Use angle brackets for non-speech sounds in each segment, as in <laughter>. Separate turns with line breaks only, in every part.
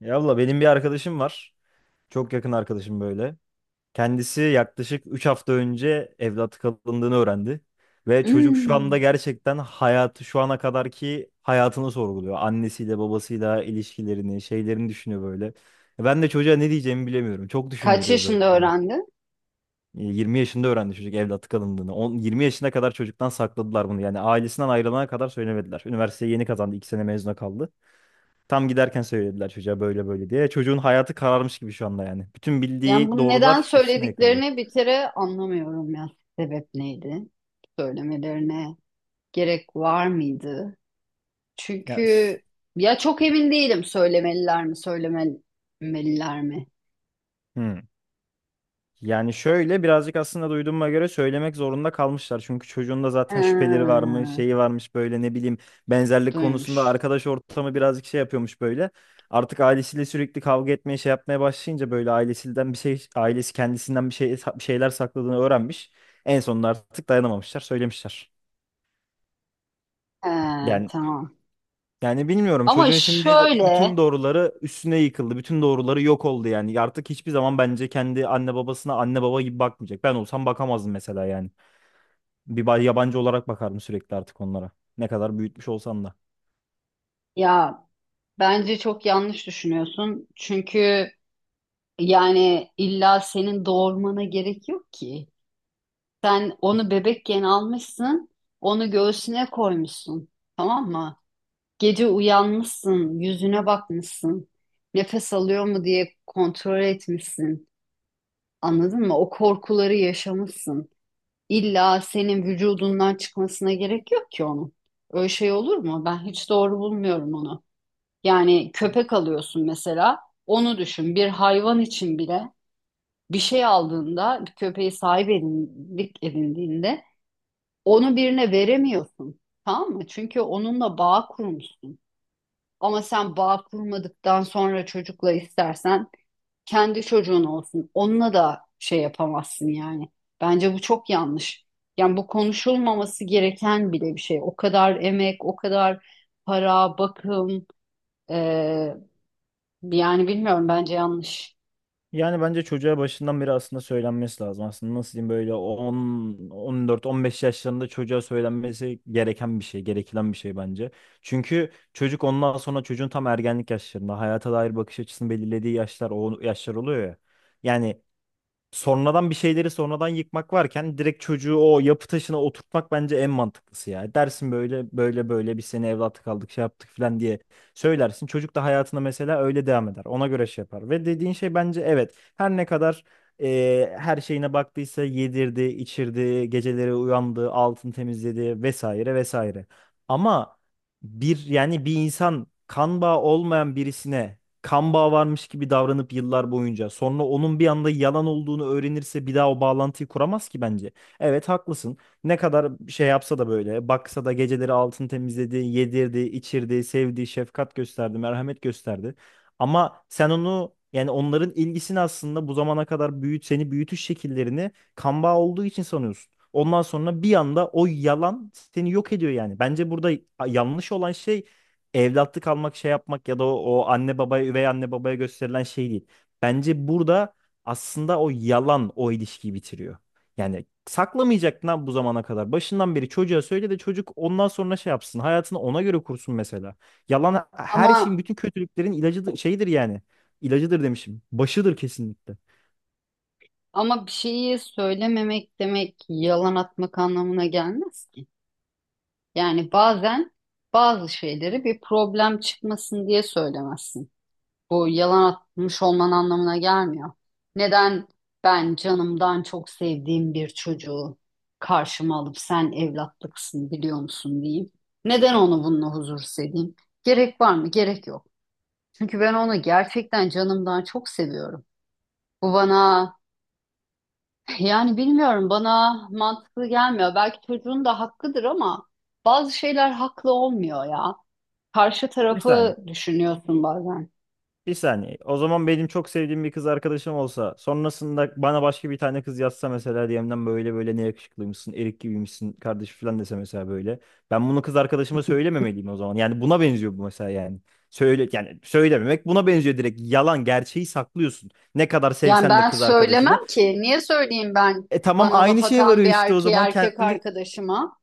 Ya abla benim bir arkadaşım var. Çok yakın arkadaşım böyle. Kendisi yaklaşık 3 hafta önce evlat kalındığını öğrendi. Ve çocuk şu
Hmm.
anda gerçekten hayatı şu ana kadarki hayatını sorguluyor. Annesiyle babasıyla ilişkilerini, şeylerini düşünüyor böyle. Ben de çocuğa ne diyeceğimi bilemiyorum. Çok
Kaç
düşündürüyor böyle.
yaşında
yani.
öğrendi?
20 yaşında öğrendi çocuk evlat kalındığını. 10, 20 yaşına kadar çocuktan sakladılar bunu. Yani ailesinden ayrılana kadar söylemediler. Üniversiteyi yeni kazandı. İki sene mezuna kaldı. Tam giderken söylediler çocuğa böyle böyle diye. Çocuğun hayatı kararmış gibi şu anda yani. Bütün
Yani
bildiği
bunu neden
doğrular üstüne yıkıldı.
söylediklerini bir kere anlamıyorum ya. Sebep neydi? Söylemelerine gerek var mıydı? Çünkü
Ya s-
ya çok emin değilim söylemeliler mi, söylememeliler mi?
hmm. Yani şöyle birazcık aslında duyduğuma göre söylemek zorunda kalmışlar. Çünkü çocuğun da
Ha,
zaten şüpheleri varmış, şeyi varmış böyle ne bileyim benzerlik konusunda
duymuş.
arkadaş ortamı birazcık şey yapıyormuş böyle. Artık ailesiyle sürekli kavga etmeye şey yapmaya başlayınca böyle ailesinden bir şey ailesi kendisinden bir şey bir şeyler sakladığını öğrenmiş. En sonunda artık dayanamamışlar, söylemişler.
Ha,
Yani
tamam.
yani bilmiyorum
Ama
çocuğun şimdi bütün
şöyle
doğruları üstüne yıkıldı. Bütün doğruları yok oldu yani. Artık hiçbir zaman bence kendi anne babasına anne baba gibi bakmayacak. Ben olsam bakamazdım mesela yani. Yabancı olarak bakardım sürekli artık onlara. Ne kadar büyütmüş olsan da.
ya bence çok yanlış düşünüyorsun. Çünkü yani illa senin doğurmana gerek yok ki. Sen onu bebekken almışsın, onu göğsüne koymuşsun, tamam mı? Gece uyanmışsın, yüzüne bakmışsın, nefes alıyor mu diye kontrol etmişsin. Anladın mı? O korkuları yaşamışsın. İlla senin vücudundan çıkmasına gerek yok ki onun. Öyle şey olur mu? Ben hiç doğru bulmuyorum onu. Yani köpek alıyorsun mesela, onu düşün. Bir hayvan için bile bir şey aldığında, bir köpeği sahip edindiğinde onu birine veremiyorsun. Tamam mı? Çünkü onunla bağ kurmuşsun. Ama sen bağ kurmadıktan sonra çocukla istersen kendi çocuğun olsun. Onunla da şey yapamazsın yani. Bence bu çok yanlış. Yani bu konuşulmaması gereken bile bir şey. O kadar emek, o kadar para, bakım, eee, yani bilmiyorum bence yanlış.
Yani bence çocuğa başından beri aslında söylenmesi lazım. Aslında nasıl diyeyim böyle 10, 14, 15 yaşlarında çocuğa söylenmesi gereken bir şey, gerekilen bir şey bence. Çünkü çocuk ondan sonra çocuğun tam ergenlik yaşlarında hayata dair bakış açısını belirlediği yaşlar o yaşlar oluyor ya. Yani sonradan bir şeyleri sonradan yıkmak varken direkt çocuğu o yapı taşına oturtmak bence en mantıklısı ya. Dersin böyle böyle böyle biz seni evlatlık aldık şey yaptık falan diye söylersin. Çocuk da hayatına mesela öyle devam eder. Ona göre şey yapar. Ve dediğin şey bence evet her ne kadar her şeyine baktıysa yedirdi, içirdi, geceleri uyandı, altın temizledi vesaire vesaire. Ama bir yani bir insan kan bağı olmayan birisine kan bağı varmış gibi davranıp yıllar boyunca sonra onun bir anda yalan olduğunu öğrenirse bir daha o bağlantıyı kuramaz ki bence. Evet haklısın. Ne kadar şey yapsa da böyle baksa da geceleri altını temizledi, yedirdi, içirdi, sevdi, şefkat gösterdi, merhamet gösterdi. Ama sen onu yani onların ilgisini aslında bu zamana kadar büyüt seni büyütüş şekillerini kan bağı olduğu için sanıyorsun. Ondan sonra bir anda o yalan seni yok ediyor yani. Bence burada yanlış olan şey evlatlık almak şey yapmak ya da o, o anne babaya üvey anne babaya gösterilen şey değil. Bence burada aslında o yalan o ilişkiyi bitiriyor. Yani saklamayacaktın lan bu zamana kadar. Başından beri çocuğa söyle de çocuk ondan sonra şey yapsın. Hayatını ona göre kursun mesela. Yalan her şeyin
Ama
bütün kötülüklerin ilacıdır, şeyidir yani. İlacıdır demişim. Başıdır kesinlikle.
ama bir şeyi söylememek demek yalan atmak anlamına gelmez ki. Yani bazen bazı şeyleri bir problem çıkmasın diye söylemezsin. Bu yalan atmış olman anlamına gelmiyor. Neden ben canımdan çok sevdiğim bir çocuğu karşıma alıp sen evlatlıksın biliyor musun diyeyim. Neden onu bununla huzursuz edeyim? Gerek var mı? Gerek yok. Çünkü ben onu gerçekten canımdan çok seviyorum. Bu bana <laughs> yani bilmiyorum bana mantıklı gelmiyor. Belki çocuğun da hakkıdır ama bazı şeyler haklı olmuyor ya. Karşı
Bir
tarafı
saniye.
düşünüyorsun bazen.
Bir saniye. O zaman benim çok sevdiğim bir kız arkadaşım olsa sonrasında bana başka bir tane kız yazsa mesela DM'den böyle böyle ne yakışıklıymışsın, erik gibiymişsin kardeş falan dese mesela böyle. Ben bunu kız arkadaşıma söylememeliyim o zaman. Yani buna benziyor bu mesela yani. Söyle yani söylememek buna benziyor direkt. Yalan gerçeği saklıyorsun. Ne kadar
Yani
sevsen de
ben
kız arkadaşını.
söylemem ki. Niye söyleyeyim ben
E tamam
bana
aynı
laf
şeye
atan
varıyor
bir
işte o
erkeği
zaman.
erkek
Kendi
arkadaşıma?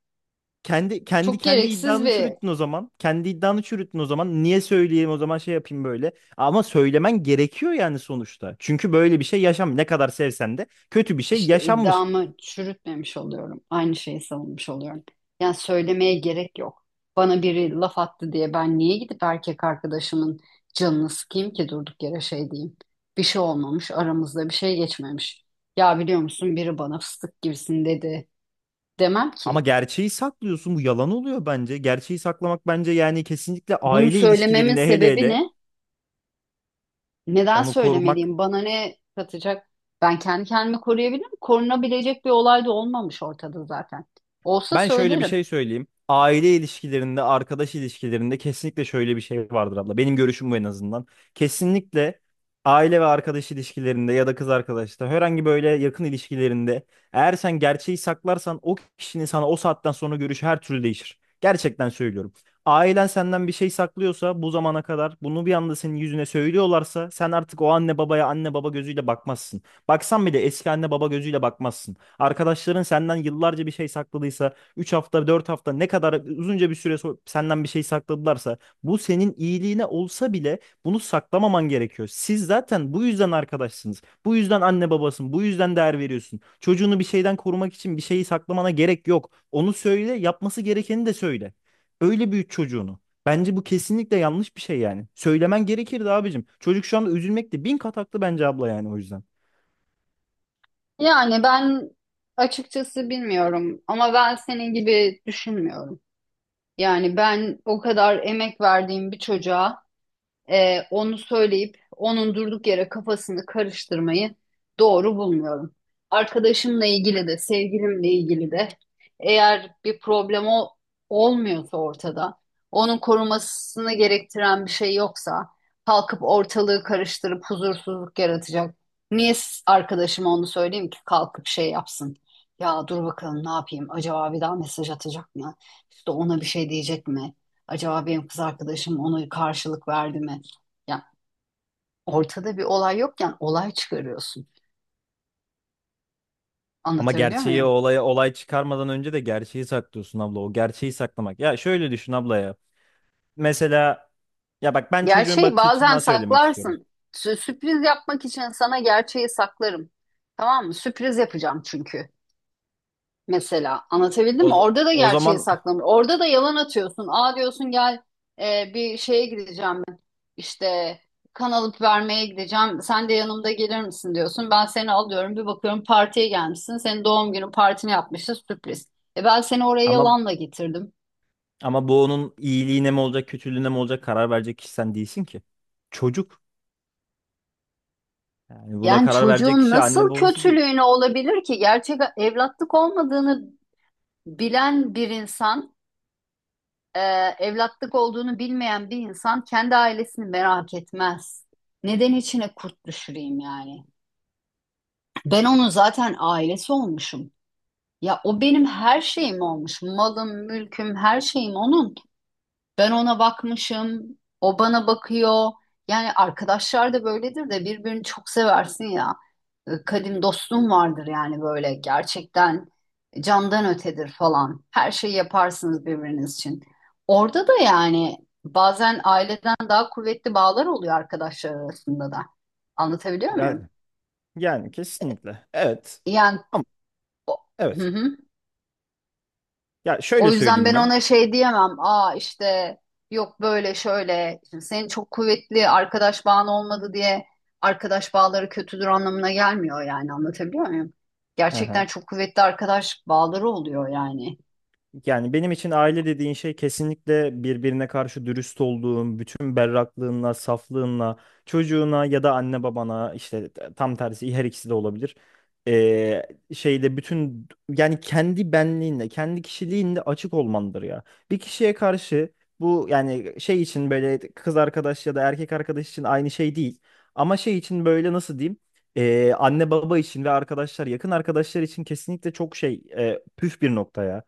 kendi kendi
Çok
kendi
gereksiz
iddianı
bir
çürüttün o zaman. Kendi iddianı çürüttün o zaman. Niye söyleyeyim o zaman şey yapayım böyle. Ama söylemen gerekiyor yani sonuçta. Çünkü böyle bir şey yaşam ne kadar sevsen de kötü bir şey
işte
yaşanmış.
iddiamı çürütmemiş oluyorum. Aynı şeyi savunmuş oluyorum. Yani söylemeye gerek yok. Bana biri laf attı diye ben niye gidip erkek arkadaşımın canını sıkayım ki durduk yere şey diyeyim. Bir şey olmamış, aramızda bir şey geçmemiş. Ya biliyor musun biri bana fıstık gibisin dedi demem ki.
Ama gerçeği saklıyorsun. Bu yalan oluyor bence. Gerçeği saklamak bence yani kesinlikle
Bunu
aile
söylememin
ilişkilerinde hele
sebebi
hele
ne? Neden
onu korumak.
söylemeliyim? Bana ne katacak? Ben kendi kendimi koruyabilirim. Korunabilecek bir olay da olmamış ortada zaten. Olsa
Ben şöyle bir
söylerim.
şey söyleyeyim. Aile ilişkilerinde, arkadaş ilişkilerinde kesinlikle şöyle bir şey vardır abla. Benim görüşüm bu en azından. Kesinlikle aile ve arkadaş ilişkilerinde ya da kız arkadaşta herhangi böyle yakın ilişkilerinde eğer sen gerçeği saklarsan o kişinin sana o saatten sonra görüşü her türlü değişir. Gerçekten söylüyorum. Ailen senden bir şey saklıyorsa bu zamana kadar bunu bir anda senin yüzüne söylüyorlarsa sen artık o anne babaya anne baba gözüyle bakmazsın. Baksan bile eski anne baba gözüyle bakmazsın. Arkadaşların senden yıllarca bir şey sakladıysa üç hafta 4 hafta ne kadar uzunca bir süre senden bir şey sakladılarsa bu senin iyiliğine olsa bile bunu saklamaman gerekiyor. Siz zaten bu yüzden arkadaşsınız. Bu yüzden anne babasın. Bu yüzden değer veriyorsun. Çocuğunu bir şeyden korumak için bir şeyi saklamana gerek yok. Onu söyle, yapması gerekeni de söyle. Öyle büyüt çocuğunu. Bence bu kesinlikle yanlış bir şey yani. Söylemen gerekirdi abicim. Çocuk şu anda üzülmekte bin kat haklı bence abla yani o yüzden.
Yani ben açıkçası bilmiyorum ama ben senin gibi düşünmüyorum. Yani ben o kadar emek verdiğim bir çocuğa onu söyleyip onun durduk yere kafasını karıştırmayı doğru bulmuyorum. Arkadaşımla ilgili de sevgilimle ilgili de eğer bir problem olmuyorsa ortada, onun korumasını gerektiren bir şey yoksa kalkıp ortalığı karıştırıp huzursuzluk yaratacak. Niye arkadaşıma onu söyleyeyim ki kalkıp şey yapsın? Ya dur bakalım ne yapayım? Acaba bir daha mesaj atacak mı? İşte ona bir şey diyecek mi? Acaba benim kız arkadaşım ona karşılık verdi mi? Ya ortada bir olay yokken olay çıkarıyorsun.
Ama
Anlatabiliyor
gerçeği
muyum?
olaya olay çıkarmadan önce de gerçeği saklıyorsun abla. O gerçeği saklamak. Ya şöyle düşün abla ya. Mesela ya bak ben çocuğun
Gerçeği
bakış
bazen
açısından söylemek istiyorum.
saklarsın. Sürpriz yapmak için sana gerçeği saklarım. Tamam mı? Sürpriz yapacağım çünkü. Mesela anlatabildim
O,
mi?
z-
Orada da
o
gerçeği
zaman
saklamıyor, orada da yalan atıyorsun. Aa diyorsun gel bir şeye gideceğim ben. İşte kan alıp vermeye gideceğim. Sen de yanımda gelir misin diyorsun. Ben seni alıyorum. Bir bakıyorum partiye gelmişsin. Senin doğum günü partini yapmışız sürpriz. E ben seni oraya
ama
yalanla getirdim.
ama bu onun iyiliğine mi olacak, kötülüğüne mi olacak karar verecek kişi sen değilsin ki. Çocuk. Yani buna
Yani
karar verecek
çocuğun
kişi anne
nasıl
babası değil.
kötülüğüne olabilir ki? Gerçek evlatlık olmadığını bilen bir insan e, evlatlık olduğunu bilmeyen bir insan kendi ailesini merak etmez. Neden içine kurt düşüreyim yani? Ben onun zaten ailesi olmuşum. Ya o benim her şeyim olmuş. Malım, mülküm, her şeyim onun. Ben ona bakmışım, o bana bakıyor. Yani arkadaşlar da böyledir de birbirini çok seversin ya. Kadim dostluğun vardır yani böyle gerçekten candan ötedir falan. Her şeyi yaparsınız birbiriniz için. Orada da yani bazen aileden daha kuvvetli bağlar oluyor arkadaşlar arasında da. Anlatabiliyor muyum?
Yani yani kesinlikle. Evet.
Yani
Ama
o-
evet.
<laughs>
Ya şöyle
O yüzden
söyleyeyim
ben
ben.
ona şey diyemem. Aa işte yok böyle şöyle. Şimdi senin çok kuvvetli arkadaş bağın olmadı diye arkadaş bağları kötüdür anlamına gelmiyor yani anlatabiliyor muyum?
Hı hı.
Gerçekten çok kuvvetli arkadaş bağları oluyor yani.
Yani benim için aile dediğin şey kesinlikle birbirine karşı dürüst olduğun, bütün berraklığınla, saflığınla, çocuğuna ya da anne babana işte tam tersi her ikisi de olabilir. Ee, Şeyde bütün yani kendi benliğinle, kendi kişiliğinle açık olmandır ya. Bir kişiye karşı bu yani şey için böyle kız arkadaş ya da erkek arkadaş için aynı şey değil. Ama şey için böyle nasıl diyeyim? Anne baba için ve arkadaşlar yakın arkadaşlar için kesinlikle çok şey püf bir nokta ya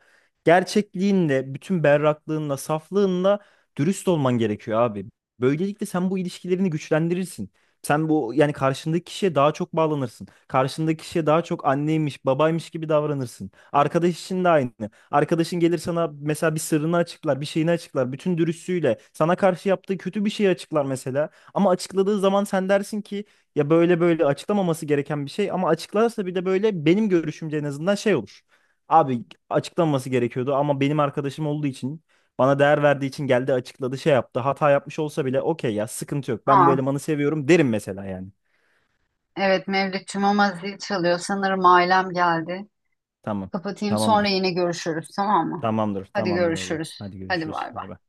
gerçekliğinle, bütün berraklığınla, saflığınla dürüst olman gerekiyor abi. Böylelikle sen bu ilişkilerini güçlendirirsin. Sen bu yani karşındaki kişiye daha çok bağlanırsın. Karşındaki kişiye daha çok anneymiş, babaymış gibi davranırsın. Arkadaş için de aynı. Arkadaşın gelir sana mesela bir sırrını açıklar, bir şeyini açıklar. Bütün dürüstlüğüyle sana karşı yaptığı kötü bir şeyi açıklar mesela. Ama açıkladığı zaman sen dersin ki ya böyle böyle açıklamaması gereken bir şey ama açıklarsa bir de böyle benim görüşümce en azından şey olur. Abi açıklanması gerekiyordu ama benim arkadaşım olduğu için bana değer verdiği için geldi açıkladı şey yaptı. Hata yapmış olsa bile okey ya sıkıntı yok. Ben
Aa
bu elemanı seviyorum derim mesela yani.
evet Mevlütçüm ama zil çalıyor. Sanırım ailem geldi.
Tamam.
Kapatayım sonra
Tamamdır.
yine görüşürüz tamam mı?
Tamamdır.
Hadi
Tamamdır abla.
görüşürüz.
Hadi
Hadi
görüşürüz.
bay
Bay bay.
bay.